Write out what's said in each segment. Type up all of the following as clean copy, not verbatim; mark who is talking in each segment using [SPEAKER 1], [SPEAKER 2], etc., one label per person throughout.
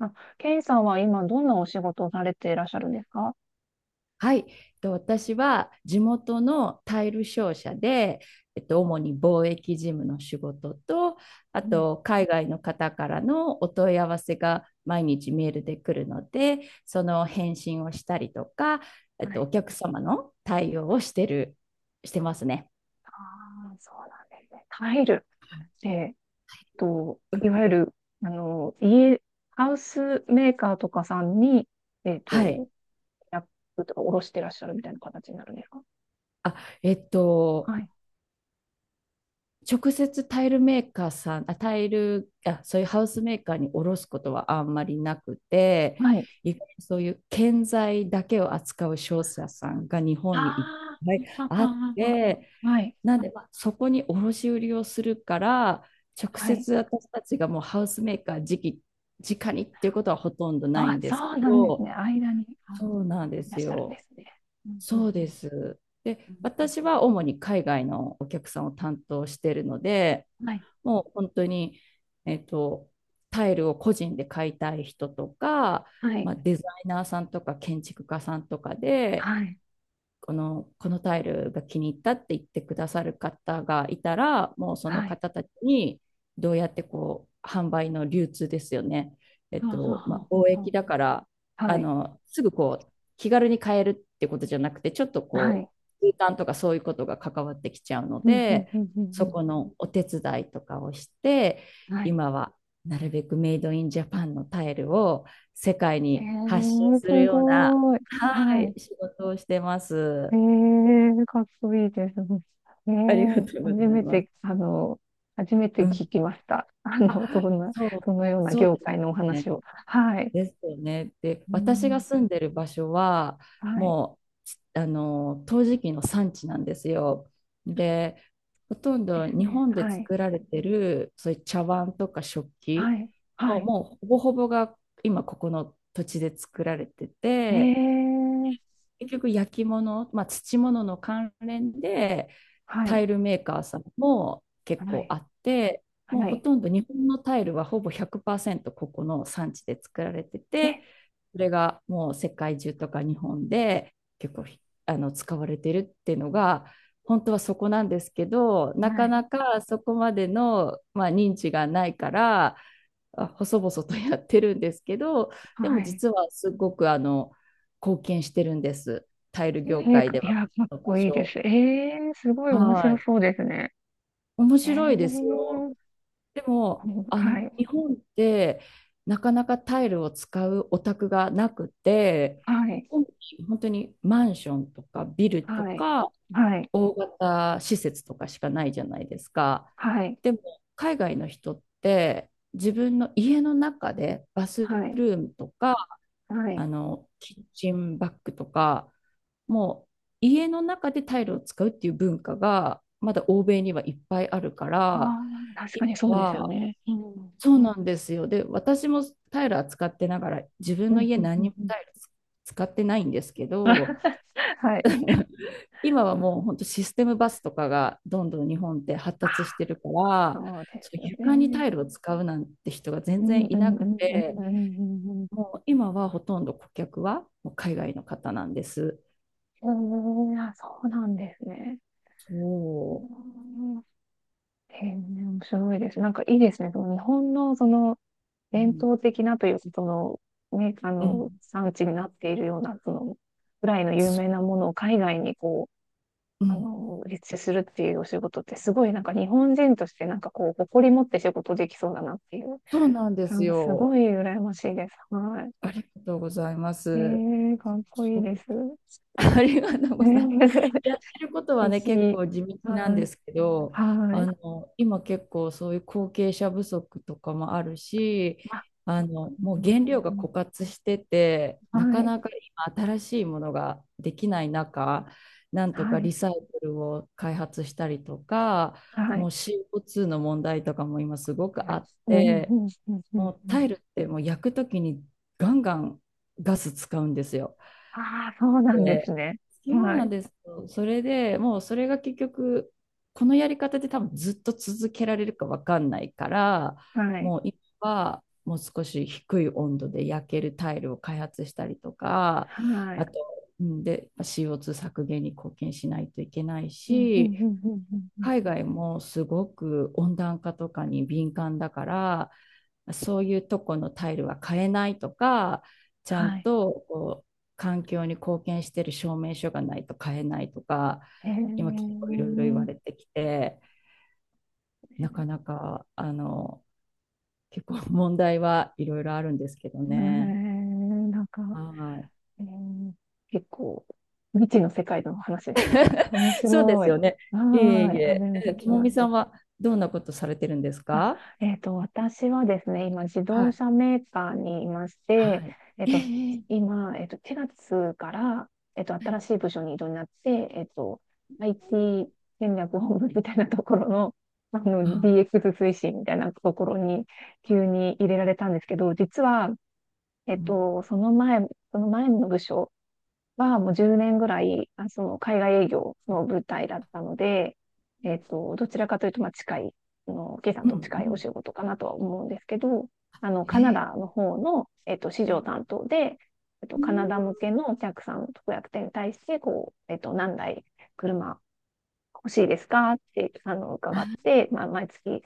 [SPEAKER 1] あ、ケイさんは今どんなお仕事をされていらっしゃるんですか？
[SPEAKER 2] はい、私は地元のタイル商社で、主に貿易事務の仕事と、あ
[SPEAKER 1] うん、
[SPEAKER 2] と海外の方からのお問い合わせが毎日メールで来るので、その返信をしたりとか、
[SPEAKER 1] はい。
[SPEAKER 2] お客様の対応をしてる、してますね。
[SPEAKER 1] ああ、そうなんですね。タイル。えーっと、
[SPEAKER 2] う
[SPEAKER 1] い
[SPEAKER 2] ん、
[SPEAKER 1] わゆる、あの、家、ハウスメーカーとかさんに、えーっ
[SPEAKER 2] はい。
[SPEAKER 1] と、やっとか、おろしてらっしゃるみたいな形になるんですか？
[SPEAKER 2] あ、えっと、
[SPEAKER 1] はい。
[SPEAKER 2] 直接タイルメーカーさん、あ、タイル、あ、そういうハウスメーカーに卸すことはあんまりなくて、
[SPEAKER 1] はい。
[SPEAKER 2] 意外にそういう建材だけを扱う商社さんが日本にいっ
[SPEAKER 1] あ
[SPEAKER 2] ぱい
[SPEAKER 1] あ、あ
[SPEAKER 2] あっ
[SPEAKER 1] ああ
[SPEAKER 2] て、
[SPEAKER 1] あはい。
[SPEAKER 2] なんで、まあそこに卸売りをするから、直
[SPEAKER 1] はい。
[SPEAKER 2] 接私たちがもうハウスメーカー直に、直にっていうことはほとんどない
[SPEAKER 1] あ、
[SPEAKER 2] んです
[SPEAKER 1] そう
[SPEAKER 2] け
[SPEAKER 1] なんですね。
[SPEAKER 2] ど、
[SPEAKER 1] 間に、
[SPEAKER 2] そうなんで
[SPEAKER 1] いら
[SPEAKER 2] す
[SPEAKER 1] っしゃるんで
[SPEAKER 2] よ。
[SPEAKER 1] すね。うんう
[SPEAKER 2] そ
[SPEAKER 1] ん
[SPEAKER 2] う
[SPEAKER 1] う
[SPEAKER 2] で
[SPEAKER 1] ん
[SPEAKER 2] す。
[SPEAKER 1] う
[SPEAKER 2] で、
[SPEAKER 1] んう
[SPEAKER 2] 私は主に海外のお客さんを担当しているので、
[SPEAKER 1] んはい。
[SPEAKER 2] もう本当に、えっと、タイルを個人で買いたい人とか、
[SPEAKER 1] は
[SPEAKER 2] ま
[SPEAKER 1] い。
[SPEAKER 2] あ、デザイナーさんとか建築家さんとかで
[SPEAKER 1] はい。
[SPEAKER 2] このタイルが気に入ったって言ってくださる方がいたら、もうその
[SPEAKER 1] はい。
[SPEAKER 2] 方たちにどうやってこう販売の流通ですよね、え
[SPEAKER 1] は
[SPEAKER 2] っ
[SPEAKER 1] あは
[SPEAKER 2] と
[SPEAKER 1] あ
[SPEAKER 2] まあ、
[SPEAKER 1] は
[SPEAKER 2] 貿
[SPEAKER 1] あ
[SPEAKER 2] 易
[SPEAKER 1] は
[SPEAKER 2] だから、
[SPEAKER 1] あは
[SPEAKER 2] あ
[SPEAKER 1] い。
[SPEAKER 2] のすぐこう気軽に買えるってことじゃなくて、ちょっと
[SPEAKER 1] は
[SPEAKER 2] こ
[SPEAKER 1] い。
[SPEAKER 2] う空間とかそういうことが関わってきちゃうの
[SPEAKER 1] うん、うん、
[SPEAKER 2] で、
[SPEAKER 1] うん、うん。
[SPEAKER 2] そ
[SPEAKER 1] う
[SPEAKER 2] このお手伝いとかをして、
[SPEAKER 1] んはい。
[SPEAKER 2] 今はなるべくメイドインジャパンのタイルを世界
[SPEAKER 1] へえ
[SPEAKER 2] に発信
[SPEAKER 1] ー、
[SPEAKER 2] する
[SPEAKER 1] す
[SPEAKER 2] ような、
[SPEAKER 1] ごい。
[SPEAKER 2] は
[SPEAKER 1] はい。
[SPEAKER 2] い、仕事をしてま
[SPEAKER 1] え
[SPEAKER 2] す。
[SPEAKER 1] ー、かっこいいです。え
[SPEAKER 2] ありが
[SPEAKER 1] ー、
[SPEAKER 2] とう
[SPEAKER 1] 初
[SPEAKER 2] ござい
[SPEAKER 1] め
[SPEAKER 2] ます。
[SPEAKER 1] て、あの、初めて
[SPEAKER 2] う
[SPEAKER 1] 聞
[SPEAKER 2] ん。
[SPEAKER 1] きました。
[SPEAKER 2] あ、そう、
[SPEAKER 1] そのような
[SPEAKER 2] そう
[SPEAKER 1] 業
[SPEAKER 2] で
[SPEAKER 1] 界
[SPEAKER 2] す
[SPEAKER 1] のお
[SPEAKER 2] よ
[SPEAKER 1] 話
[SPEAKER 2] ね。
[SPEAKER 1] を。はい。
[SPEAKER 2] ですよね。で、
[SPEAKER 1] う
[SPEAKER 2] 私が
[SPEAKER 1] ん、
[SPEAKER 2] 住んでる場所は、
[SPEAKER 1] はい。
[SPEAKER 2] もう、あの、陶磁器の産地なんですよ。で、ほとん
[SPEAKER 1] で
[SPEAKER 2] ど
[SPEAKER 1] す
[SPEAKER 2] 日
[SPEAKER 1] ね。
[SPEAKER 2] 本で
[SPEAKER 1] はい。
[SPEAKER 2] 作られてる、そういう茶碗とか食
[SPEAKER 1] は
[SPEAKER 2] 器
[SPEAKER 1] い。は
[SPEAKER 2] の、
[SPEAKER 1] い。
[SPEAKER 2] もうほぼほぼが今ここの土地で作られて
[SPEAKER 1] え
[SPEAKER 2] て、
[SPEAKER 1] ー、
[SPEAKER 2] 結局焼き物、まあ、土物の関連で、
[SPEAKER 1] は
[SPEAKER 2] タイ
[SPEAKER 1] い。
[SPEAKER 2] ルメーカーさんも結
[SPEAKER 1] は
[SPEAKER 2] 構
[SPEAKER 1] い。
[SPEAKER 2] あって、もう
[SPEAKER 1] は
[SPEAKER 2] ほ
[SPEAKER 1] い。
[SPEAKER 2] とんど日本のタイルはほぼ100%ここの産地で作られて
[SPEAKER 1] え、
[SPEAKER 2] て、それがもう世界中とか日本で結構あの使われてるっていうのが、本当はそこなんですけど、な
[SPEAKER 1] は
[SPEAKER 2] か
[SPEAKER 1] い。
[SPEAKER 2] なかそこまでの、まあ、認知がないから、あ細々とやってるんですけど、で
[SPEAKER 1] は
[SPEAKER 2] も
[SPEAKER 1] い。
[SPEAKER 2] 実はすごくあの貢献してるんです、タイル
[SPEAKER 1] え
[SPEAKER 2] 業界で
[SPEAKER 1] ー、い
[SPEAKER 2] は、
[SPEAKER 1] や、
[SPEAKER 2] こ
[SPEAKER 1] かっ
[SPEAKER 2] の場
[SPEAKER 1] こいいで
[SPEAKER 2] 所。
[SPEAKER 1] す。えー、すごい面
[SPEAKER 2] は
[SPEAKER 1] 白
[SPEAKER 2] い。
[SPEAKER 1] そうですね。
[SPEAKER 2] 面
[SPEAKER 1] え
[SPEAKER 2] 白いですよ。
[SPEAKER 1] ー、
[SPEAKER 2] でも、あの、
[SPEAKER 1] はい、
[SPEAKER 2] 日本ってなかなかタイルを使うお宅がなくて、
[SPEAKER 1] はい、
[SPEAKER 2] 本本当にマンションとかビルと
[SPEAKER 1] はい、
[SPEAKER 2] か
[SPEAKER 1] はい、
[SPEAKER 2] 大型施設とかしかないじゃないですか。
[SPEAKER 1] はい、
[SPEAKER 2] でも、海外の人って自分の家の中でバス
[SPEAKER 1] はい、
[SPEAKER 2] ルームとか、
[SPEAKER 1] は
[SPEAKER 2] あ
[SPEAKER 1] い。
[SPEAKER 2] の、キッチンバッグとか、もう家の中でタイルを使うっていう文化がまだ欧米にはいっぱいあるか
[SPEAKER 1] あ
[SPEAKER 2] ら、
[SPEAKER 1] あ、確
[SPEAKER 2] 今
[SPEAKER 1] かにそうですよ
[SPEAKER 2] は、
[SPEAKER 1] ね。うん、
[SPEAKER 2] そうなんですよ。で私もタイルは使ってながら自分
[SPEAKER 1] う
[SPEAKER 2] の
[SPEAKER 1] ん、
[SPEAKER 2] 家
[SPEAKER 1] うん、う
[SPEAKER 2] 何に
[SPEAKER 1] ん。
[SPEAKER 2] も
[SPEAKER 1] うん
[SPEAKER 2] タイル使ってないんですけど。
[SPEAKER 1] はい。
[SPEAKER 2] 今はもう本当システムバスとかがどんどん日本って発
[SPEAKER 1] あ
[SPEAKER 2] 達し
[SPEAKER 1] ー、
[SPEAKER 2] てるから、
[SPEAKER 1] そうで
[SPEAKER 2] そう
[SPEAKER 1] すよ
[SPEAKER 2] 床に
[SPEAKER 1] ね。
[SPEAKER 2] タイルを使うなんて人が全
[SPEAKER 1] うん、うん、
[SPEAKER 2] 然い
[SPEAKER 1] う
[SPEAKER 2] な
[SPEAKER 1] ん、う
[SPEAKER 2] く
[SPEAKER 1] ん、う
[SPEAKER 2] て、
[SPEAKER 1] ん、うんうん。
[SPEAKER 2] もう今はほとんど顧客はもう海外の方なんです。
[SPEAKER 1] うん、あ、そうなんですね。う
[SPEAKER 2] そ
[SPEAKER 1] ん、へえ面白いです。なんかいいですね。その日本の
[SPEAKER 2] う、う
[SPEAKER 1] 伝
[SPEAKER 2] ん
[SPEAKER 1] 統的なという
[SPEAKER 2] うん、
[SPEAKER 1] 産地になっているような、ぐらいの有
[SPEAKER 2] そ
[SPEAKER 1] 名なものを海外に
[SPEAKER 2] う、ん、
[SPEAKER 1] 立地するっていうお仕事ってすごいなんか日本人として誇り持って仕事できそうだなっていう、
[SPEAKER 2] そうなんで
[SPEAKER 1] な
[SPEAKER 2] す
[SPEAKER 1] んかすご
[SPEAKER 2] よ。
[SPEAKER 1] い羨ましいです。は
[SPEAKER 2] ありがとうございま
[SPEAKER 1] い。
[SPEAKER 2] す。
[SPEAKER 1] えー、かっこい
[SPEAKER 2] そ
[SPEAKER 1] いです。
[SPEAKER 2] う。 ありがとうございます。やってることは
[SPEAKER 1] ぜ
[SPEAKER 2] ね、
[SPEAKER 1] ひ、
[SPEAKER 2] 結構地道なんで
[SPEAKER 1] はい、
[SPEAKER 2] すけど、
[SPEAKER 1] は
[SPEAKER 2] あ
[SPEAKER 1] い。
[SPEAKER 2] の、今結構そういう後継者不足とかもあるし、
[SPEAKER 1] あ
[SPEAKER 2] あの、
[SPEAKER 1] うん
[SPEAKER 2] もう原
[SPEAKER 1] うん
[SPEAKER 2] 料が
[SPEAKER 1] うん
[SPEAKER 2] 枯渇してて、
[SPEAKER 1] は
[SPEAKER 2] なか
[SPEAKER 1] い、
[SPEAKER 2] なか今新しいものができない中、なんとか
[SPEAKER 1] はい、
[SPEAKER 2] リサイクルを開発したりとか、
[SPEAKER 1] は
[SPEAKER 2] も
[SPEAKER 1] い、
[SPEAKER 2] う CO2 の問題とかも今すごく
[SPEAKER 1] は
[SPEAKER 2] あ
[SPEAKER 1] い。
[SPEAKER 2] っ
[SPEAKER 1] うん、うん、う
[SPEAKER 2] て、
[SPEAKER 1] ん、うん。
[SPEAKER 2] もう
[SPEAKER 1] う
[SPEAKER 2] タ
[SPEAKER 1] ん
[SPEAKER 2] イルってもう焼くときにガンガンガス使うんですよ。
[SPEAKER 1] ああ、そうなんです
[SPEAKER 2] で、
[SPEAKER 1] ね。
[SPEAKER 2] そう
[SPEAKER 1] は
[SPEAKER 2] なん
[SPEAKER 1] い、
[SPEAKER 2] ですよ。それでもうそれが結局このやり方で多分ずっと続けられるかわかんないから、
[SPEAKER 1] はい、
[SPEAKER 2] もう今はもう少し低い温度で焼けるタイルを開発したりとか、
[SPEAKER 1] は
[SPEAKER 2] あ
[SPEAKER 1] い。
[SPEAKER 2] と、うんで CO2 削減に貢献しないといけない
[SPEAKER 1] うん、う
[SPEAKER 2] し、
[SPEAKER 1] ん、うん、うん、うん。うん
[SPEAKER 2] 海外もすごく温暖化とかに敏感だから、そういうとこのタイルは買えないとか、ちゃ
[SPEAKER 1] は
[SPEAKER 2] ん
[SPEAKER 1] い。
[SPEAKER 2] とこう環境に貢献してる証明書がないと買えないとか、
[SPEAKER 1] へえ、
[SPEAKER 2] 今結
[SPEAKER 1] へ
[SPEAKER 2] 構いろいろ言われてきて、
[SPEAKER 1] え、
[SPEAKER 2] なかなかあの結構問題はいろいろあるんですけど
[SPEAKER 1] な
[SPEAKER 2] ね。
[SPEAKER 1] んか、
[SPEAKER 2] はい、
[SPEAKER 1] えー、結構、未知の世界の話でした。面
[SPEAKER 2] そうで
[SPEAKER 1] 白
[SPEAKER 2] す
[SPEAKER 1] い。
[SPEAKER 2] よね。いえ
[SPEAKER 1] は
[SPEAKER 2] い
[SPEAKER 1] ーい、初
[SPEAKER 2] え。
[SPEAKER 1] めて
[SPEAKER 2] え
[SPEAKER 1] 聞き
[SPEAKER 2] とも
[SPEAKER 1] まし
[SPEAKER 2] みさ
[SPEAKER 1] た。
[SPEAKER 2] んはどんなことされてるんです
[SPEAKER 1] あ、
[SPEAKER 2] か？
[SPEAKER 1] 私はですね、今、自
[SPEAKER 2] は
[SPEAKER 1] 動
[SPEAKER 2] い。
[SPEAKER 1] 車メーカーにいまして、
[SPEAKER 2] はい。
[SPEAKER 1] えっ
[SPEAKER 2] え
[SPEAKER 1] と、
[SPEAKER 2] えええ、
[SPEAKER 1] 今、4月から、新しい部署に異動になって、IT 戦略本部みたいなところの、
[SPEAKER 2] あ、
[SPEAKER 1] DX 推進みたいなところに急に入れられたんですけど、実は、え
[SPEAKER 2] う
[SPEAKER 1] っ
[SPEAKER 2] ん
[SPEAKER 1] と、その前、その前の部署はもう10年ぐらい、その海外営業の舞台だったので、どちらかというと、まあ、近い、あの、K さん
[SPEAKER 2] う
[SPEAKER 1] と
[SPEAKER 2] んう
[SPEAKER 1] 近いお
[SPEAKER 2] ん。
[SPEAKER 1] 仕事かなとは思うんですけど、あの、
[SPEAKER 2] え
[SPEAKER 1] カナダ
[SPEAKER 2] ー、
[SPEAKER 1] の方の、市
[SPEAKER 2] う
[SPEAKER 1] 場担当で、カナダ向け
[SPEAKER 2] ん。
[SPEAKER 1] のお客さん、特約店に対して、何台車欲しいですかって、伺っ
[SPEAKER 2] あ
[SPEAKER 1] て、まあ、毎月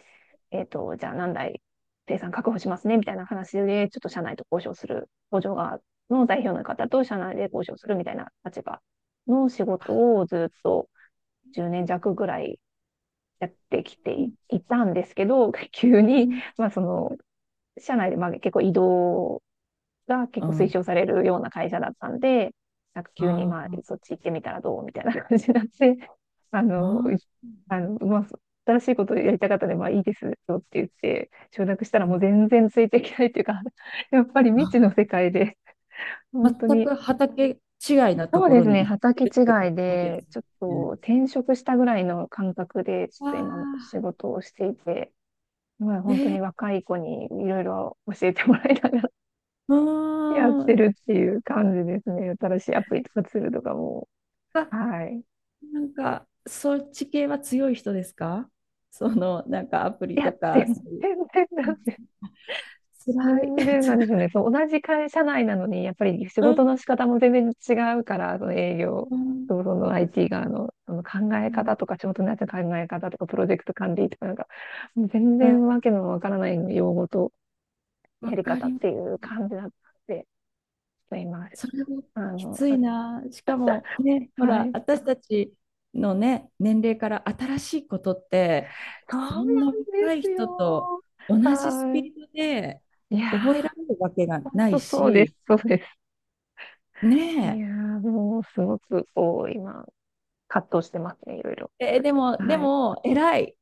[SPEAKER 1] じゃあ何台生産確保しますね、みたいな話で、ちょっと社内と交渉する、工場側の代表の方と社内で交渉するみたいな立場の仕事をずっと10
[SPEAKER 2] ー、
[SPEAKER 1] 年
[SPEAKER 2] うん
[SPEAKER 1] 弱ぐらいやってき
[SPEAKER 2] う
[SPEAKER 1] て
[SPEAKER 2] ん。
[SPEAKER 1] いたんですけど、急に、まあ社内でまあ結構移動が結構
[SPEAKER 2] あ
[SPEAKER 1] 推奨
[SPEAKER 2] あ、
[SPEAKER 1] されるような会社だったんで、なんか急にまあ、
[SPEAKER 2] あ
[SPEAKER 1] そっち行ってみたらどうみたいな感じになって、あ
[SPEAKER 2] あ、
[SPEAKER 1] の、いあの、まあ、新しいことやりたかったので、まあいいですよって言って、承諾したら
[SPEAKER 2] う
[SPEAKER 1] も
[SPEAKER 2] ん、
[SPEAKER 1] う全然ついていけないっていうか、やっぱり未知の
[SPEAKER 2] あ
[SPEAKER 1] 世界で、本
[SPEAKER 2] ー、
[SPEAKER 1] 当
[SPEAKER 2] 全
[SPEAKER 1] に、
[SPEAKER 2] く畑違いなと
[SPEAKER 1] そう
[SPEAKER 2] こ
[SPEAKER 1] で
[SPEAKER 2] ろ
[SPEAKER 1] す
[SPEAKER 2] に
[SPEAKER 1] ね、
[SPEAKER 2] 行って
[SPEAKER 1] 畑
[SPEAKER 2] るってこ
[SPEAKER 1] 違い
[SPEAKER 2] とで
[SPEAKER 1] で、
[SPEAKER 2] す
[SPEAKER 1] ちょっと
[SPEAKER 2] ね。
[SPEAKER 1] 転職したぐらいの感覚で、ちょっ
[SPEAKER 2] わ
[SPEAKER 1] と今仕
[SPEAKER 2] あ、
[SPEAKER 1] 事をしていて、まあ、
[SPEAKER 2] え
[SPEAKER 1] 本当に
[SPEAKER 2] ー、
[SPEAKER 1] 若い子にいろいろ教えてもらいなが
[SPEAKER 2] う
[SPEAKER 1] やっ
[SPEAKER 2] ー
[SPEAKER 1] て
[SPEAKER 2] ん。
[SPEAKER 1] るっていう感じですね。新しいアプリとかツールとかも。
[SPEAKER 2] あ、
[SPEAKER 1] はい。
[SPEAKER 2] なんか、そっち系は強い人ですか？その、なんかアプ
[SPEAKER 1] い
[SPEAKER 2] リと
[SPEAKER 1] や、
[SPEAKER 2] か、
[SPEAKER 1] 全
[SPEAKER 2] そ
[SPEAKER 1] 然
[SPEAKER 2] ういう。うん、辛い。
[SPEAKER 1] 全然なんですよね。そう、同じ会社内なのに、やっぱり仕
[SPEAKER 2] うん、
[SPEAKER 1] 事の仕方も全然違うから、その営業
[SPEAKER 2] うん、
[SPEAKER 1] とその IT 側の、その考え
[SPEAKER 2] う
[SPEAKER 1] 方と
[SPEAKER 2] ん、
[SPEAKER 1] か、仕事のやつの考え方とか、プロジェクト管理とか、なんか、もう全然わけのわからない用語と
[SPEAKER 2] わ
[SPEAKER 1] やり
[SPEAKER 2] か
[SPEAKER 1] 方っ
[SPEAKER 2] ります。
[SPEAKER 1] ていう感じだったんで、ちょっと今、
[SPEAKER 2] それも
[SPEAKER 1] あ
[SPEAKER 2] き
[SPEAKER 1] の、
[SPEAKER 2] ついな。しか もね、ほ
[SPEAKER 1] は
[SPEAKER 2] ら、
[SPEAKER 1] い。
[SPEAKER 2] 私たちのね、年齢から新しいことって、
[SPEAKER 1] そう
[SPEAKER 2] そ
[SPEAKER 1] なん
[SPEAKER 2] んな
[SPEAKER 1] で
[SPEAKER 2] 若い
[SPEAKER 1] すよ。
[SPEAKER 2] 人と同じスピ
[SPEAKER 1] は
[SPEAKER 2] ー
[SPEAKER 1] い。
[SPEAKER 2] ドで
[SPEAKER 1] いや
[SPEAKER 2] 覚えられるわけが
[SPEAKER 1] ー、本
[SPEAKER 2] ない
[SPEAKER 1] 当そうです、
[SPEAKER 2] し、
[SPEAKER 1] そうです。い
[SPEAKER 2] ね
[SPEAKER 1] やー、もうすごく、今、葛藤してますね、いろいろ。
[SPEAKER 2] でも、
[SPEAKER 1] はい。
[SPEAKER 2] 偉い。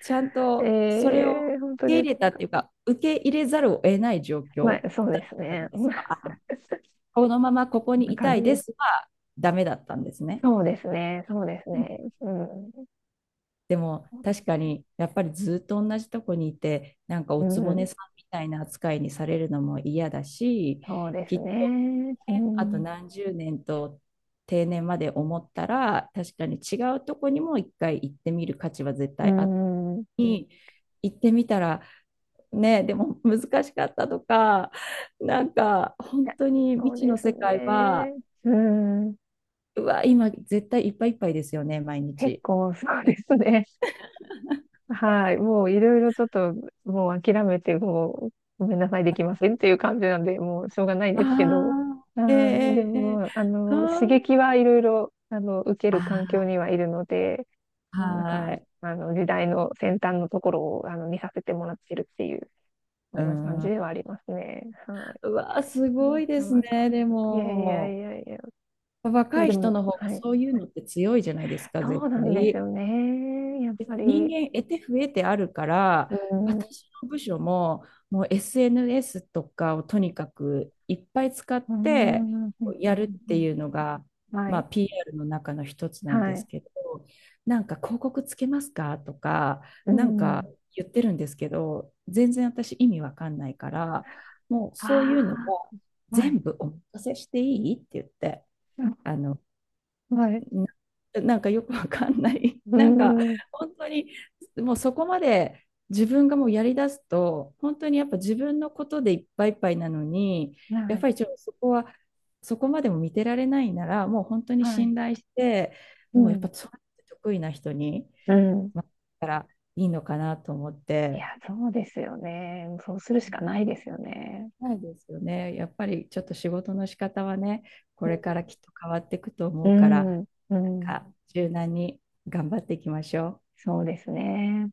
[SPEAKER 2] ちゃん
[SPEAKER 1] え
[SPEAKER 2] とそれを
[SPEAKER 1] ー、本
[SPEAKER 2] 受
[SPEAKER 1] 当
[SPEAKER 2] け
[SPEAKER 1] で
[SPEAKER 2] 入れ
[SPEAKER 1] す。
[SPEAKER 2] たっていうか、受け入れざるを得ない状
[SPEAKER 1] ま
[SPEAKER 2] 況
[SPEAKER 1] あ、そうです
[SPEAKER 2] だった
[SPEAKER 1] ね。
[SPEAKER 2] ん です
[SPEAKER 1] こ
[SPEAKER 2] か。あ、このままここ
[SPEAKER 1] ん
[SPEAKER 2] に
[SPEAKER 1] な
[SPEAKER 2] い
[SPEAKER 1] 感
[SPEAKER 2] たい
[SPEAKER 1] じ
[SPEAKER 2] で
[SPEAKER 1] です。
[SPEAKER 2] すは、ダメだったんですね。
[SPEAKER 1] そうですね、そうですね。うん、
[SPEAKER 2] でも
[SPEAKER 1] そうで
[SPEAKER 2] 確
[SPEAKER 1] す
[SPEAKER 2] か
[SPEAKER 1] ね。
[SPEAKER 2] にやっぱりずっと同じとこにいてなんか
[SPEAKER 1] う
[SPEAKER 2] おつぼね
[SPEAKER 1] ん、
[SPEAKER 2] さんみたいな扱いにされるのも嫌だし、
[SPEAKER 1] そうで
[SPEAKER 2] き
[SPEAKER 1] す
[SPEAKER 2] っと、
[SPEAKER 1] ね。う
[SPEAKER 2] ね、あと
[SPEAKER 1] ん、
[SPEAKER 2] 何十年と定年まで思ったら確かに違うとこにも一回行ってみる価値は絶
[SPEAKER 1] う
[SPEAKER 2] 対あって、
[SPEAKER 1] ん、い
[SPEAKER 2] 行ってみたらね、でも難しかったとか、なんか本
[SPEAKER 1] や
[SPEAKER 2] 当に未
[SPEAKER 1] そうで
[SPEAKER 2] 知の
[SPEAKER 1] す
[SPEAKER 2] 世界は、
[SPEAKER 1] ね。うん、
[SPEAKER 2] うわ今絶対いっぱいいっぱいですよね毎
[SPEAKER 1] 結
[SPEAKER 2] 日。
[SPEAKER 1] 構そうですね。はい。もういろいろちょっと、もう諦めて、もう、ごめんなさい、できませんっていう感じなんで、もうしょうがないん
[SPEAKER 2] あ
[SPEAKER 1] ですけど、
[SPEAKER 2] あ、
[SPEAKER 1] は
[SPEAKER 2] え
[SPEAKER 1] い。で
[SPEAKER 2] ええ
[SPEAKER 1] も、
[SPEAKER 2] え、
[SPEAKER 1] まあの、刺激はいろいろ、受ける環境に
[SPEAKER 2] あ
[SPEAKER 1] はいるので、まあ、な
[SPEAKER 2] あ
[SPEAKER 1] ん
[SPEAKER 2] ー、
[SPEAKER 1] か、
[SPEAKER 2] はい。
[SPEAKER 1] 時代の先端のところを、見させてもらってるっていう、そ
[SPEAKER 2] う
[SPEAKER 1] んな感じ
[SPEAKER 2] ん。
[SPEAKER 1] ではありますね。は
[SPEAKER 2] うわー、す
[SPEAKER 1] い。
[SPEAKER 2] ご
[SPEAKER 1] な
[SPEAKER 2] いで
[SPEAKER 1] か
[SPEAKER 2] す
[SPEAKER 1] なか。
[SPEAKER 2] ね。で
[SPEAKER 1] いやいや
[SPEAKER 2] も、
[SPEAKER 1] いやいや。
[SPEAKER 2] 若い
[SPEAKER 1] で
[SPEAKER 2] 人
[SPEAKER 1] も、
[SPEAKER 2] の方が
[SPEAKER 1] はい。
[SPEAKER 2] そういうのって強いじゃないですか、絶
[SPEAKER 1] そうなんです
[SPEAKER 2] 対。
[SPEAKER 1] よね。やっぱ
[SPEAKER 2] 人
[SPEAKER 1] り。
[SPEAKER 2] 間得て増えてあるから、
[SPEAKER 1] うん。
[SPEAKER 2] 私の部署ももう SNS とかをとにかくいっぱい使っ
[SPEAKER 1] う
[SPEAKER 2] て
[SPEAKER 1] ん。
[SPEAKER 2] やるっていうのが、
[SPEAKER 1] は
[SPEAKER 2] まあ、
[SPEAKER 1] い。
[SPEAKER 2] PR の中の一つなんで
[SPEAKER 1] は
[SPEAKER 2] す
[SPEAKER 1] い。
[SPEAKER 2] けど、なんか広告つけますかとか、
[SPEAKER 1] う
[SPEAKER 2] なんか
[SPEAKER 1] ん。
[SPEAKER 2] 言ってるんですけど全然私意味わかんないから、もうそういうの
[SPEAKER 1] あ
[SPEAKER 2] も
[SPEAKER 1] あ、は
[SPEAKER 2] 全
[SPEAKER 1] い。
[SPEAKER 2] 部お任せしていいって言って。
[SPEAKER 1] うん
[SPEAKER 2] あの、
[SPEAKER 1] はい。
[SPEAKER 2] なんかよくわかんない。
[SPEAKER 1] う
[SPEAKER 2] なんか
[SPEAKER 1] ん。
[SPEAKER 2] 本当にもうそこまで自分がもうやりだすと本当にやっぱ自分のことでいっぱいいっぱいなのに、
[SPEAKER 1] は
[SPEAKER 2] やっ
[SPEAKER 1] い。
[SPEAKER 2] ぱりちょっとそこはそこまでも見てられないなら、もう本当に
[SPEAKER 1] はい。
[SPEAKER 2] 信頼して、
[SPEAKER 1] う
[SPEAKER 2] もうやっぱ
[SPEAKER 1] ん。
[SPEAKER 2] そうやって得意な人に
[SPEAKER 1] うん。
[SPEAKER 2] 回ったらいいのかなと思っ
[SPEAKER 1] いや、
[SPEAKER 2] て。
[SPEAKER 1] そうですよね。そうするしかないですよね。
[SPEAKER 2] ないですよね。やっぱりちょっと仕事の仕方はね、これからきっと変わっていくと
[SPEAKER 1] う
[SPEAKER 2] 思うか
[SPEAKER 1] ん。
[SPEAKER 2] ら、
[SPEAKER 1] うん。う
[SPEAKER 2] なん
[SPEAKER 1] ん。
[SPEAKER 2] か柔軟に頑張っていきましょう。
[SPEAKER 1] そうですね。